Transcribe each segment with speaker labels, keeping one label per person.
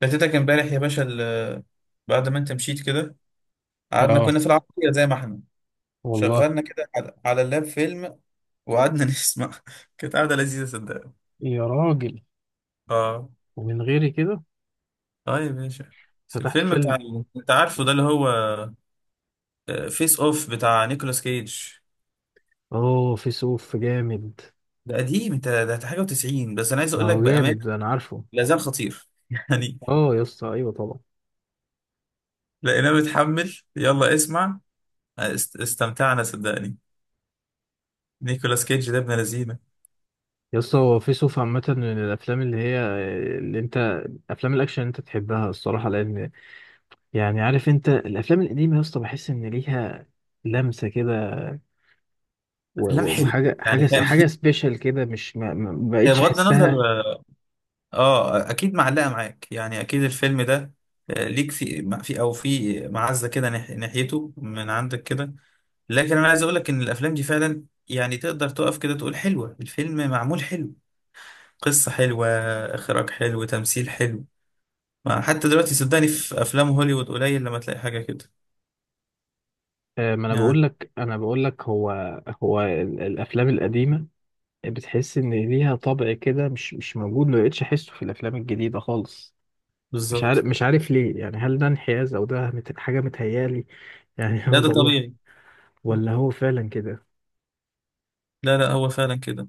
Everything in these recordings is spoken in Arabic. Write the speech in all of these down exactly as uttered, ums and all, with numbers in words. Speaker 1: فاتتك امبارح يا باشا ال- بعد ما انت مشيت كده، قعدنا
Speaker 2: اه،
Speaker 1: كنا في العربية زي ما احنا
Speaker 2: والله
Speaker 1: شغلنا كده على على اللاب فيلم وقعدنا نسمع. كانت قعدة لذيذة صدقني.
Speaker 2: يا راجل.
Speaker 1: اه،
Speaker 2: ومن غيري كده
Speaker 1: اه يا باشا. بس
Speaker 2: فتحت
Speaker 1: الفيلم
Speaker 2: فيلم؟
Speaker 1: بتاع، انت عارفه ده اللي هو فيس اوف بتاع نيكولاس كيج،
Speaker 2: اوه، في سوف جامد.
Speaker 1: ده قديم، انت ده ده حاجة والتسعينات، بس انا عايز
Speaker 2: ما
Speaker 1: اقول لك
Speaker 2: هو
Speaker 1: بأمانة
Speaker 2: جامد ده، انا عارفه.
Speaker 1: لا زال خطير يعني.
Speaker 2: اه يا اسطى، ايوه طبعا.
Speaker 1: لقيناه متحمل، يلا اسمع. آه، است- استمتعنا صدقني. نيكولاس كيج ده ابن لذينه.
Speaker 2: يا اسطى هو في سوف عامة من الافلام اللي هي، اللي انت افلام الاكشن اللي انت تحبها الصراحة، لان يعني عارف انت الافلام القديمة يا اسطى بحس ان ليها لمسة كده، و-
Speaker 1: افلام
Speaker 2: و-
Speaker 1: حلو،
Speaker 2: وحاجة
Speaker 1: يعني
Speaker 2: حاجة حاجة
Speaker 1: فاهم
Speaker 2: سبيشال كده، مش ما ما
Speaker 1: هي
Speaker 2: بقتش
Speaker 1: بغض النظر،
Speaker 2: احسها.
Speaker 1: اه اكيد معلقه معاك، يعني اكيد الفيلم ده آه، ليك في مع- في او في معزه كده ناح- ناحيته من عندك كده. لكن انا عايز اقول لك ان الافلام دي فعلا يعني تقدر تقف كده تقول حلوه، الفيلم معمول حلو، قصه حلوه، اخراج حلو، تمثيل حلو. ما حتى دلوقتي صدقني في افلام هوليوود قليل لما تلاقي حاجه كده،
Speaker 2: آه، ما انا
Speaker 1: يعني.
Speaker 2: بقول لك انا بقول لك هو هو ال- الافلام القديمة بتحس ان ليها طبع كده مش مش موجود، ما بقتش احسه في الافلام الجديده خالص. مش عارف
Speaker 1: بالظبط.
Speaker 2: مش عارف ليه يعني، هل ده انحياز او ده مت- حاجه متهيالي يعني
Speaker 1: لا
Speaker 2: انا
Speaker 1: ده
Speaker 2: ضلمت
Speaker 1: طبيعي.
Speaker 2: ولا هو فعلا كده؟
Speaker 1: لا لا هو فعلا كده.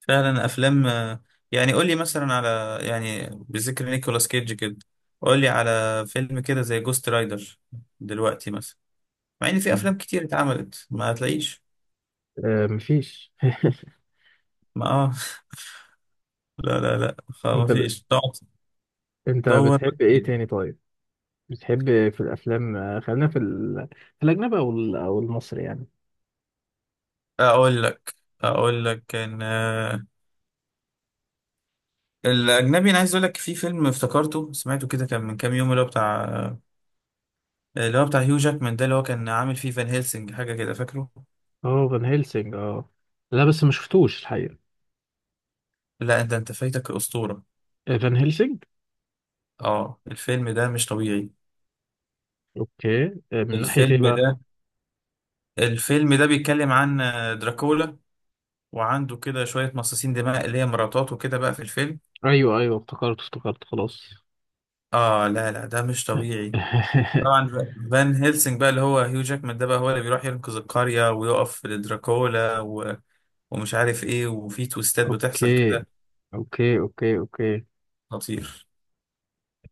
Speaker 1: فعلا افلام آه، يعني قول لي مثلا على، يعني بذكر نيكولاس كيدج كده، قول لي على فيلم كده زي جوست رايدر دلوقتي مثلا، مع ان في افلام كتير اتعملت ما هتلاقيش.
Speaker 2: آه مفيش
Speaker 1: ما اه. لا لا لا خ- ما
Speaker 2: انت ب...
Speaker 1: فيش، تقعد
Speaker 2: انت
Speaker 1: تدور.
Speaker 2: بتحب ايه تاني طيب؟ بتحب في الافلام، آه، خلينا في ال... في الاجنبي او ال... او المصري يعني.
Speaker 1: اقول لك، اقول لك ان آه، الاجنبي، انا عايز اقول لك في فيلم افتكرته سمعته كده كان من كام يوم، اللي هو بتاع آه، اللي هو بتاع هيو جاكمان، ده اللي هو كان عامل فيه فان هيلسنج حاجه كده فاكره.
Speaker 2: اه، فان هيلسينج، اه لا بس ما شفتوش الحقيقه.
Speaker 1: لا انت انت فايتك اسطوره.
Speaker 2: آه، فان هيلسينج.
Speaker 1: اه الفيلم ده مش طبيعي.
Speaker 2: اوكي. آه، من ناحيه ايه
Speaker 1: الفيلم
Speaker 2: بقى؟
Speaker 1: ده الفيلم ده بيتكلم عن آه، دراكولا، وعنده كده شوية مصاصين دماء اللي هي مراتاته كده بقى في الفيلم.
Speaker 2: ايوه ايوه، افتكرت افتكرت، خلاص
Speaker 1: اه لا لا ده مش طبيعي. طبعا ف- فان هيلسنج بقى اللي هو هيو جاكمان ده، بقى هو اللي بيروح ينقذ القرية ويقف لدراكولا و... ومش عارف ايه، وفي تويستات بتحصل
Speaker 2: اوكي
Speaker 1: كده.
Speaker 2: اوكي اوكي اوكي.
Speaker 1: خطير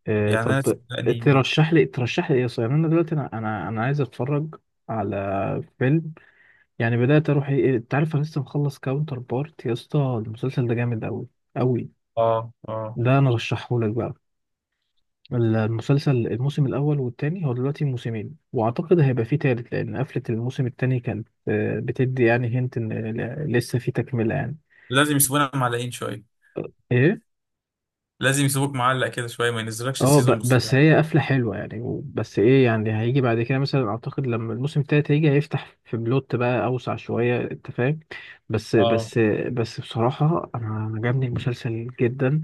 Speaker 2: آه
Speaker 1: يعني، انا
Speaker 2: طب،
Speaker 1: صدقني.
Speaker 2: ترشح لي ترشح لي ايه صحيح؟ انا دلوقتي انا انا انا عايز اتفرج على فيلم يعني. بدات اروح، ايه انت عارف، انا لسه مخلص كاونتر بارت يا اسطى. المسلسل ده جامد قوي قوي،
Speaker 1: اه، اه.
Speaker 2: ده انا رشحه لك بقى. المسلسل الموسم الاول والتاني، هو دلوقتي موسمين واعتقد هيبقى فيه تالت، لان قفله الموسم التاني كانت آه، بتدي يعني، هنت ان ل- لسه في تكمله يعني.
Speaker 1: لازم يسيبونا معلقين شوية.
Speaker 2: ايه،
Speaker 1: لازم يسيبوك معلق كده شوية، ما ينزلكش
Speaker 2: اه ب-
Speaker 1: السيزون
Speaker 2: بس
Speaker 1: بسرعة.
Speaker 2: هي قفلة حلوة يعني، و- بس ايه يعني، هيجي بعد كده مثلا. اعتقد لما الموسم التالت هيجي، هيفتح في بلوت بقى اوسع شوية، انت فاهم. بس
Speaker 1: اه،
Speaker 2: بس بس بصراحة انا أنا عجبني المسلسل جدا،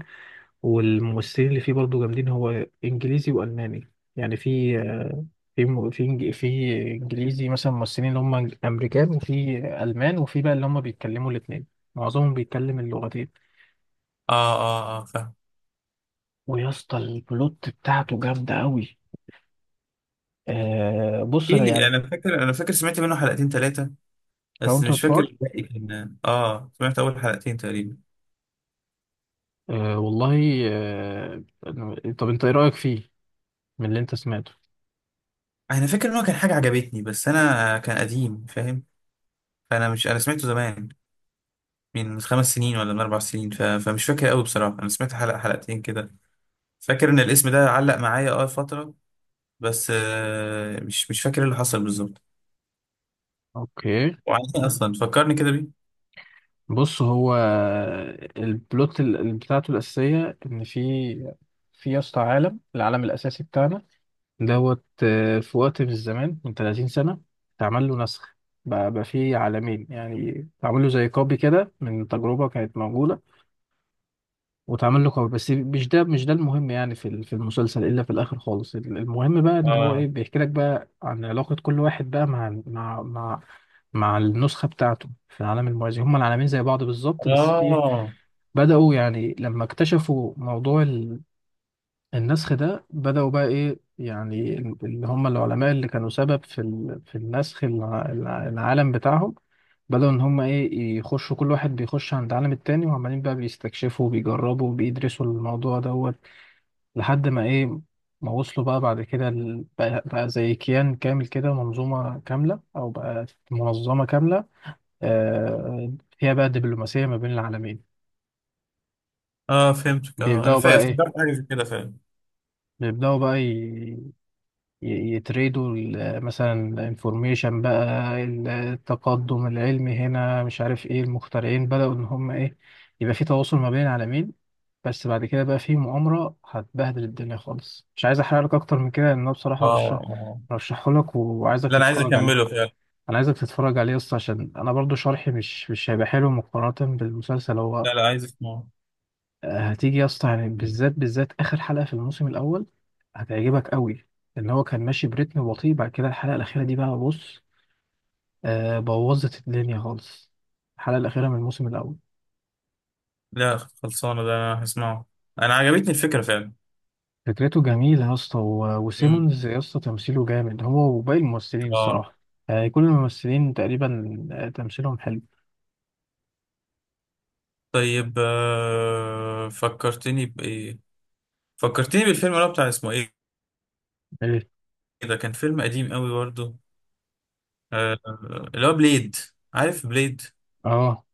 Speaker 2: والممثلين اللي فيه برضه جامدين. هو انجليزي والماني يعني. في في م- في إنج- في انجليزي مثلا ممثلين اللي هم امريكان، وفي المان، وفي بقى اللي هم بيتكلموا الاتنين، معظمهم بيتكلم اللغتين.
Speaker 1: اه، اه، اه فاهم.
Speaker 2: ويا اسطى البلوت بتاعته جامدة قوي. آه بص
Speaker 1: ايه
Speaker 2: انا
Speaker 1: اللي
Speaker 2: يعني،
Speaker 1: انا فاكر، انا فاكر سمعت منه حلقتين ثلاثة، بس
Speaker 2: كاونتر
Speaker 1: مش فاكر
Speaker 2: بارت.
Speaker 1: الباقي. كان اه سمعت اول حلقتين تقريبا.
Speaker 2: أه والله. أه طب انت ايه رأيك فيه من اللي انت سمعته؟
Speaker 1: انا فاكر ان هو كان حاجه عجبتني، بس انا كان قديم فاهم. فانا مش انا سمعته زمان، من خمس سنين ولا من اربع سنين، ف... فمش فاكر قوي بصراحه. انا سمعت حلقه حلقتين كده. فاكر ان الاسم ده علق معايا اه فتره، بس آه مش مش فاكر اللي حصل بالظبط.
Speaker 2: اوكي.
Speaker 1: وعن ايه اصلا فكرني كده بيه.
Speaker 2: بص، هو البلوت ال- ال- بتاعته الأساسية ان في في يا اسطى عالم، العالم الأساسي بتاعنا دوت، آه، في وقت من الزمان من ثلاثين سنة اتعمل له نسخ. بقى, بقى فيه عالمين يعني، اتعمل له زي كوبي كده من تجربة كانت موجودة، وتعمل له كور. بس مش ده مش ده المهم يعني، في ال- في المسلسل الا في الاخر خالص. ال- المهم بقى ان هو ايه،
Speaker 1: اه،
Speaker 2: بيحكي لك بقى عن علاقة كل واحد بقى مع مع مع مع النسخة بتاعته في العالم الموازي. هما العالمين زي بعض بالظبط، بس في ايه،
Speaker 1: اه،
Speaker 2: بدأوا يعني لما اكتشفوا موضوع النسخ ده، بدأوا بقى إيه يعني، ال- اللي هم العلماء اللي كانوا سبب في ال... في النسخ الع... الع- العالم بتاعهم، بدأوا إن هم إيه، يخشوا. كل واحد بيخش عند عالم التاني، وعمالين بقى بيستكشفوا وبيجربوا وبيدرسوا الموضوع دوت، لحد ما إيه، ما وصلوا بقى بعد كده ال- بقى, بقى زي كيان كامل كده، منظومة كاملة، أو بقى منظمة كاملة آه، فيها بقى دبلوماسية ما بين العالمين.
Speaker 1: اه فهمتك. اه انا
Speaker 2: بيبدأوا
Speaker 1: فاكر،
Speaker 2: بقى إيه،
Speaker 1: افتكرت حاجه زي كده فعلا.
Speaker 2: بيبدأوا بقى ي- يتريدوا ال- مثلا الانفورميشن بقى، التقدم العلمي هنا، مش عارف ايه، المخترعين. بدأوا ان هم ايه، يبقى في تواصل ما بين العالمين. بس بعد كده بقى في مؤامرة هتبهدل الدنيا خالص. مش عايز احرق لك اكتر من كده، لان انا بصراحة رشح
Speaker 1: اه، اه،
Speaker 2: رشحه لك وعايزك
Speaker 1: لا انا عايز
Speaker 2: تتفرج عليه.
Speaker 1: اكمله فعلا.
Speaker 2: انا عايزك تتفرج عليه اصلا عشان انا برضو شرحي مش مش هيبقى حلو مقارنة بالمسلسل هو.
Speaker 1: لا لا، عايز اسمعه.
Speaker 2: هتيجي يا اسطى يعني، بالذات بالذات اخر حلقه في الموسم الاول هتعجبك قوي. ان هو كان ماشي بريتم بطيء، بعد كده الحلقه الاخيره دي بقى، بص، آه بوظت الدنيا خالص، الحلقه الاخيره من الموسم الاول.
Speaker 1: لا خلصانة، ده أنا هسمعه. أنا عجبتني الفكرة فعلا.
Speaker 2: فكرته جميله يا اسطى، و-
Speaker 1: امم
Speaker 2: وسيمونز يا اسطى تمثيله جامد، هو وباقي الممثلين
Speaker 1: اه.
Speaker 2: الصراحه. آه كل الممثلين تقريبا آه، تمثيلهم حلو.
Speaker 1: طيب آه، فكرتني بإيه، فكرتني بالفيلم اللي هو بتاع اسمه إيه،
Speaker 2: ايه.
Speaker 1: ده كان فيلم قديم قوي برضه، آه، اللي هو بليد. عارف بليد؟
Speaker 2: اه.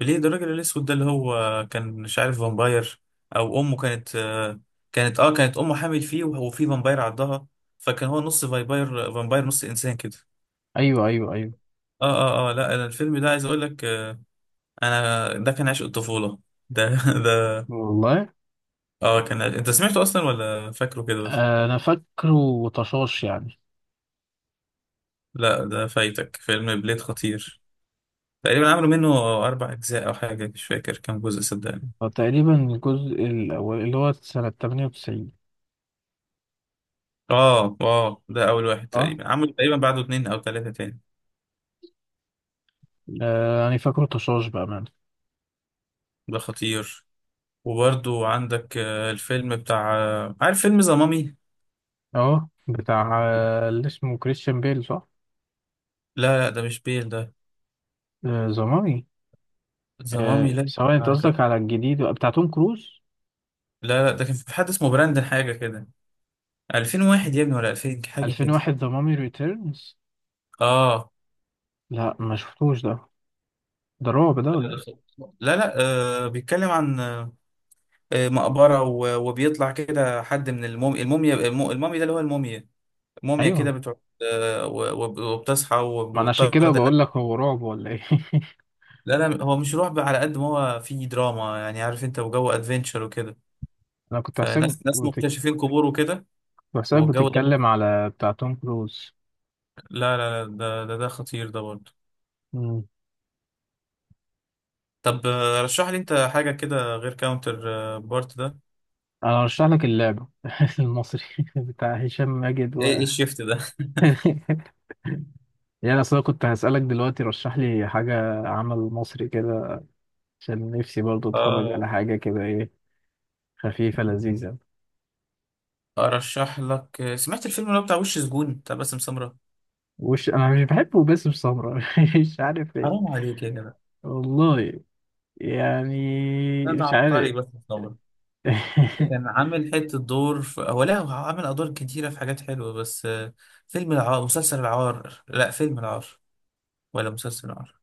Speaker 1: بليد الراجل الأسود ده اللي هو كان مش عارف فامباير. أو أمه كانت آه، كانت اه كانت أمه حامل فيه وه- وفي فامباير عضها، فكان هو نص فامباير، فامباير نص إنسان كده.
Speaker 2: ايوه ايوه ايوه.
Speaker 1: اه، اه، اه. لا أنا الفيلم ده عايز أقول لك آه، انا ده كان عشق الطفولة، ده ده.
Speaker 2: والله.
Speaker 1: اه كان عشق. انت سمعته اصلا ولا فاكره كده بس؟
Speaker 2: آه، انا فاكره طشاش يعني.
Speaker 1: لا ده فايتك، فيلم بليد خطير. تقريبا عملوا منه اربع اجزاء او حاجة، مش فاكر كام جزء صدقني.
Speaker 2: فتقريبا الجزء الاول اللي هو سنه ثمانية وتسعين.
Speaker 1: اه، اه، ده اول واحد.
Speaker 2: اه.
Speaker 1: تقريبا عملوا تقريبا بعده اتنين او تلاتة تاني.
Speaker 2: آه يعني فاكره طشاش بأمانة.
Speaker 1: ده خطير. وبرضو عندك آه، الفيلم بتاع آه، عارف فيلم ذا مامي؟
Speaker 2: اه بتاع آه، اللي اسمه كريستيان بيل، صح؟
Speaker 1: لا لا ده مش بيل ده.
Speaker 2: آه زمامي.
Speaker 1: ذا مامي،
Speaker 2: آه
Speaker 1: لا.
Speaker 2: سواء، انت
Speaker 1: آه، كان-
Speaker 2: قصدك على الجديد بتاع توم كروز؟
Speaker 1: لا لا ده كان في حد اسمه براندن حاجة كده، ألفين وواحد يا ابني ولا ألفين حاجة كده.
Speaker 2: ألفين وواحد ذا مامي ريتيرنز.
Speaker 1: اه.
Speaker 2: لا ما شفتوش ده. ده رعب ده
Speaker 1: لا
Speaker 2: ولا
Speaker 1: لا
Speaker 2: ايه؟
Speaker 1: لا لا، آه بيتكلم عن آه آه، مقبرة، و- وبيطلع كده حد من الموميا، الموميا الم- المومي ده اللي هو الموميا. الموميا كده
Speaker 2: ايوه،
Speaker 1: بتقعد، آه و- وب- وبتصحى وب-
Speaker 2: ما انا عشان كده
Speaker 1: وبتطرد الناس.
Speaker 2: بقول لك، هو رعب ولا ايه؟
Speaker 1: لا لا هو مش رعب على قد ما هو فيه دراما، يعني عارف انت، وجو ادفنتشر وكده،
Speaker 2: انا كنت حاسسك،
Speaker 1: فناس ناس
Speaker 2: بتك...
Speaker 1: مكتشفين قبور وكده.
Speaker 2: كنت حاسسك
Speaker 1: والجو ده بي-
Speaker 2: بتتكلم على بتاع توم كروز.
Speaker 1: لا لا لا ده ده, ده خطير ده برضه.
Speaker 2: مم.
Speaker 1: طب آه، رشح لي انت حاجة كده غير كاونتر بارت ده.
Speaker 2: انا ارشح لك اللعبه المصري بتاع هشام ماجد و
Speaker 1: ايه، ايه الشيفت ده
Speaker 2: يعني. اصل انا كنت هسألك دلوقتي رشح لي حاجة عمل مصري كده، عشان نفسي برضه اتفرج على
Speaker 1: اه.
Speaker 2: حاجة كده، ايه، خفيفة لذيذة.
Speaker 1: ارشح لك، سمعت الفيلم اللي هو بتاع وش سجون بتاع باسم سمرة؟
Speaker 2: وش، انا مش بحبه باسم سمرة مش عارف ايه.
Speaker 1: حرام عليك يا جدع.
Speaker 2: والله، يعني،
Speaker 1: ده ده
Speaker 2: مش
Speaker 1: عبقري
Speaker 2: عارف
Speaker 1: باسم سمرة. ده كان عامل حتة دور في... هو لا هو عامل ادوار كتيرة في حاجات حلوة، بس آه، فيلم العار، مسلسل العار، لا فيلم العار، ولا مسلسل العار،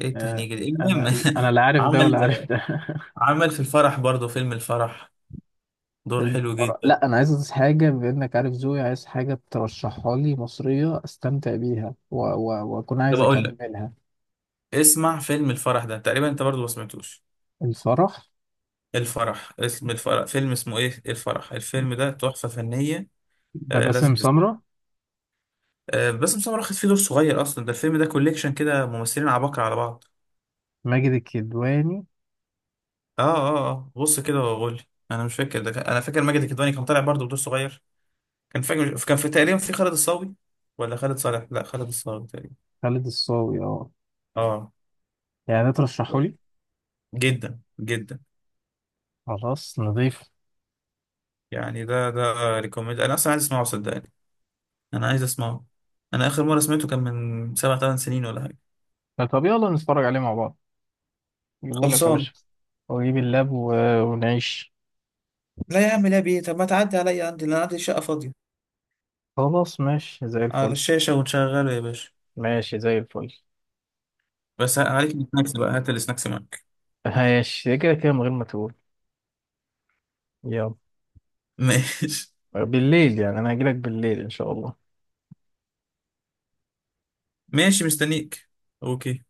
Speaker 1: ايه
Speaker 2: آه،
Speaker 1: التهنيجة دي، المهم.
Speaker 2: انا انا لا عارف ده ولا
Speaker 1: عمل
Speaker 2: عارف ده
Speaker 1: عمل في الفرح برضه، فيلم الفرح، دور
Speaker 2: فيلم
Speaker 1: حلو
Speaker 2: الفرح،
Speaker 1: جدا.
Speaker 2: لا انا عايز حاجة، بانك عارف ذوقي، عايز حاجة ترشحها لي مصرية، استمتع بيها و- و- واكون
Speaker 1: طب
Speaker 2: عايز
Speaker 1: اقول لك،
Speaker 2: اكملها.
Speaker 1: اسمع، فيلم الفرح ده تقريبا انت برضه ما سمعتوش؟
Speaker 2: الفرح؟
Speaker 1: الفرح، اسم الفرح، فيلم اسمه ايه الفرح، الفيلم ده تحفة فنية.
Speaker 2: ده
Speaker 1: آه،
Speaker 2: باسم
Speaker 1: لازم
Speaker 2: سمرة؟
Speaker 1: آه، باسم سمرة واخد فيه دور صغير اصلا، ده الفيلم ده كوليكشن كده ممثلين عباقرة على بعض.
Speaker 2: ماجد الكدواني،
Speaker 1: اه، اه، اه، بص كده وقول لي. انا مش فاكر ده كان- انا فاكر ماجد الكدواني كان طالع برضه بدور صغير. كان فاكر كان في تقريبا في خالد الصاوي، ولا خالد صالح، لا خالد الصاوي تقريبا.
Speaker 2: خالد الصاوي، اه.
Speaker 1: اه.
Speaker 2: يعني ده ترشحه لي.
Speaker 1: جدا جدا.
Speaker 2: خلاص نضيف.
Speaker 1: يعني ده ده ريكومند. انا اصلا عايز اسمعه صدقني، انا عايز اسمعه. انا اخر مره سمعته كان من سبع ثمان سنين ولا حاجه.
Speaker 2: طب يلا نتفرج عليه مع بعض. جيبه لك يا
Speaker 1: خلصان.
Speaker 2: باشا. واجيب اللاب و، ونعيش.
Speaker 1: لا يا عم لا بيه، طب ما تعدي عليا، عندي انا عندي شقه فاضيه،
Speaker 2: خلاص، ماشي زي
Speaker 1: على
Speaker 2: الفل،
Speaker 1: الشاشه ونشغله يا باشا.
Speaker 2: ماشي زي الفل.
Speaker 1: بس عليك السناكس بقى، هات السناكس معاك.
Speaker 2: ماشي كده كده من غير ما تقول. يلا.
Speaker 1: ماشي.
Speaker 2: بالليل يعني، انا هجيلك بالليل ان شاء الله.
Speaker 1: ماشي مستنيك. اوكي.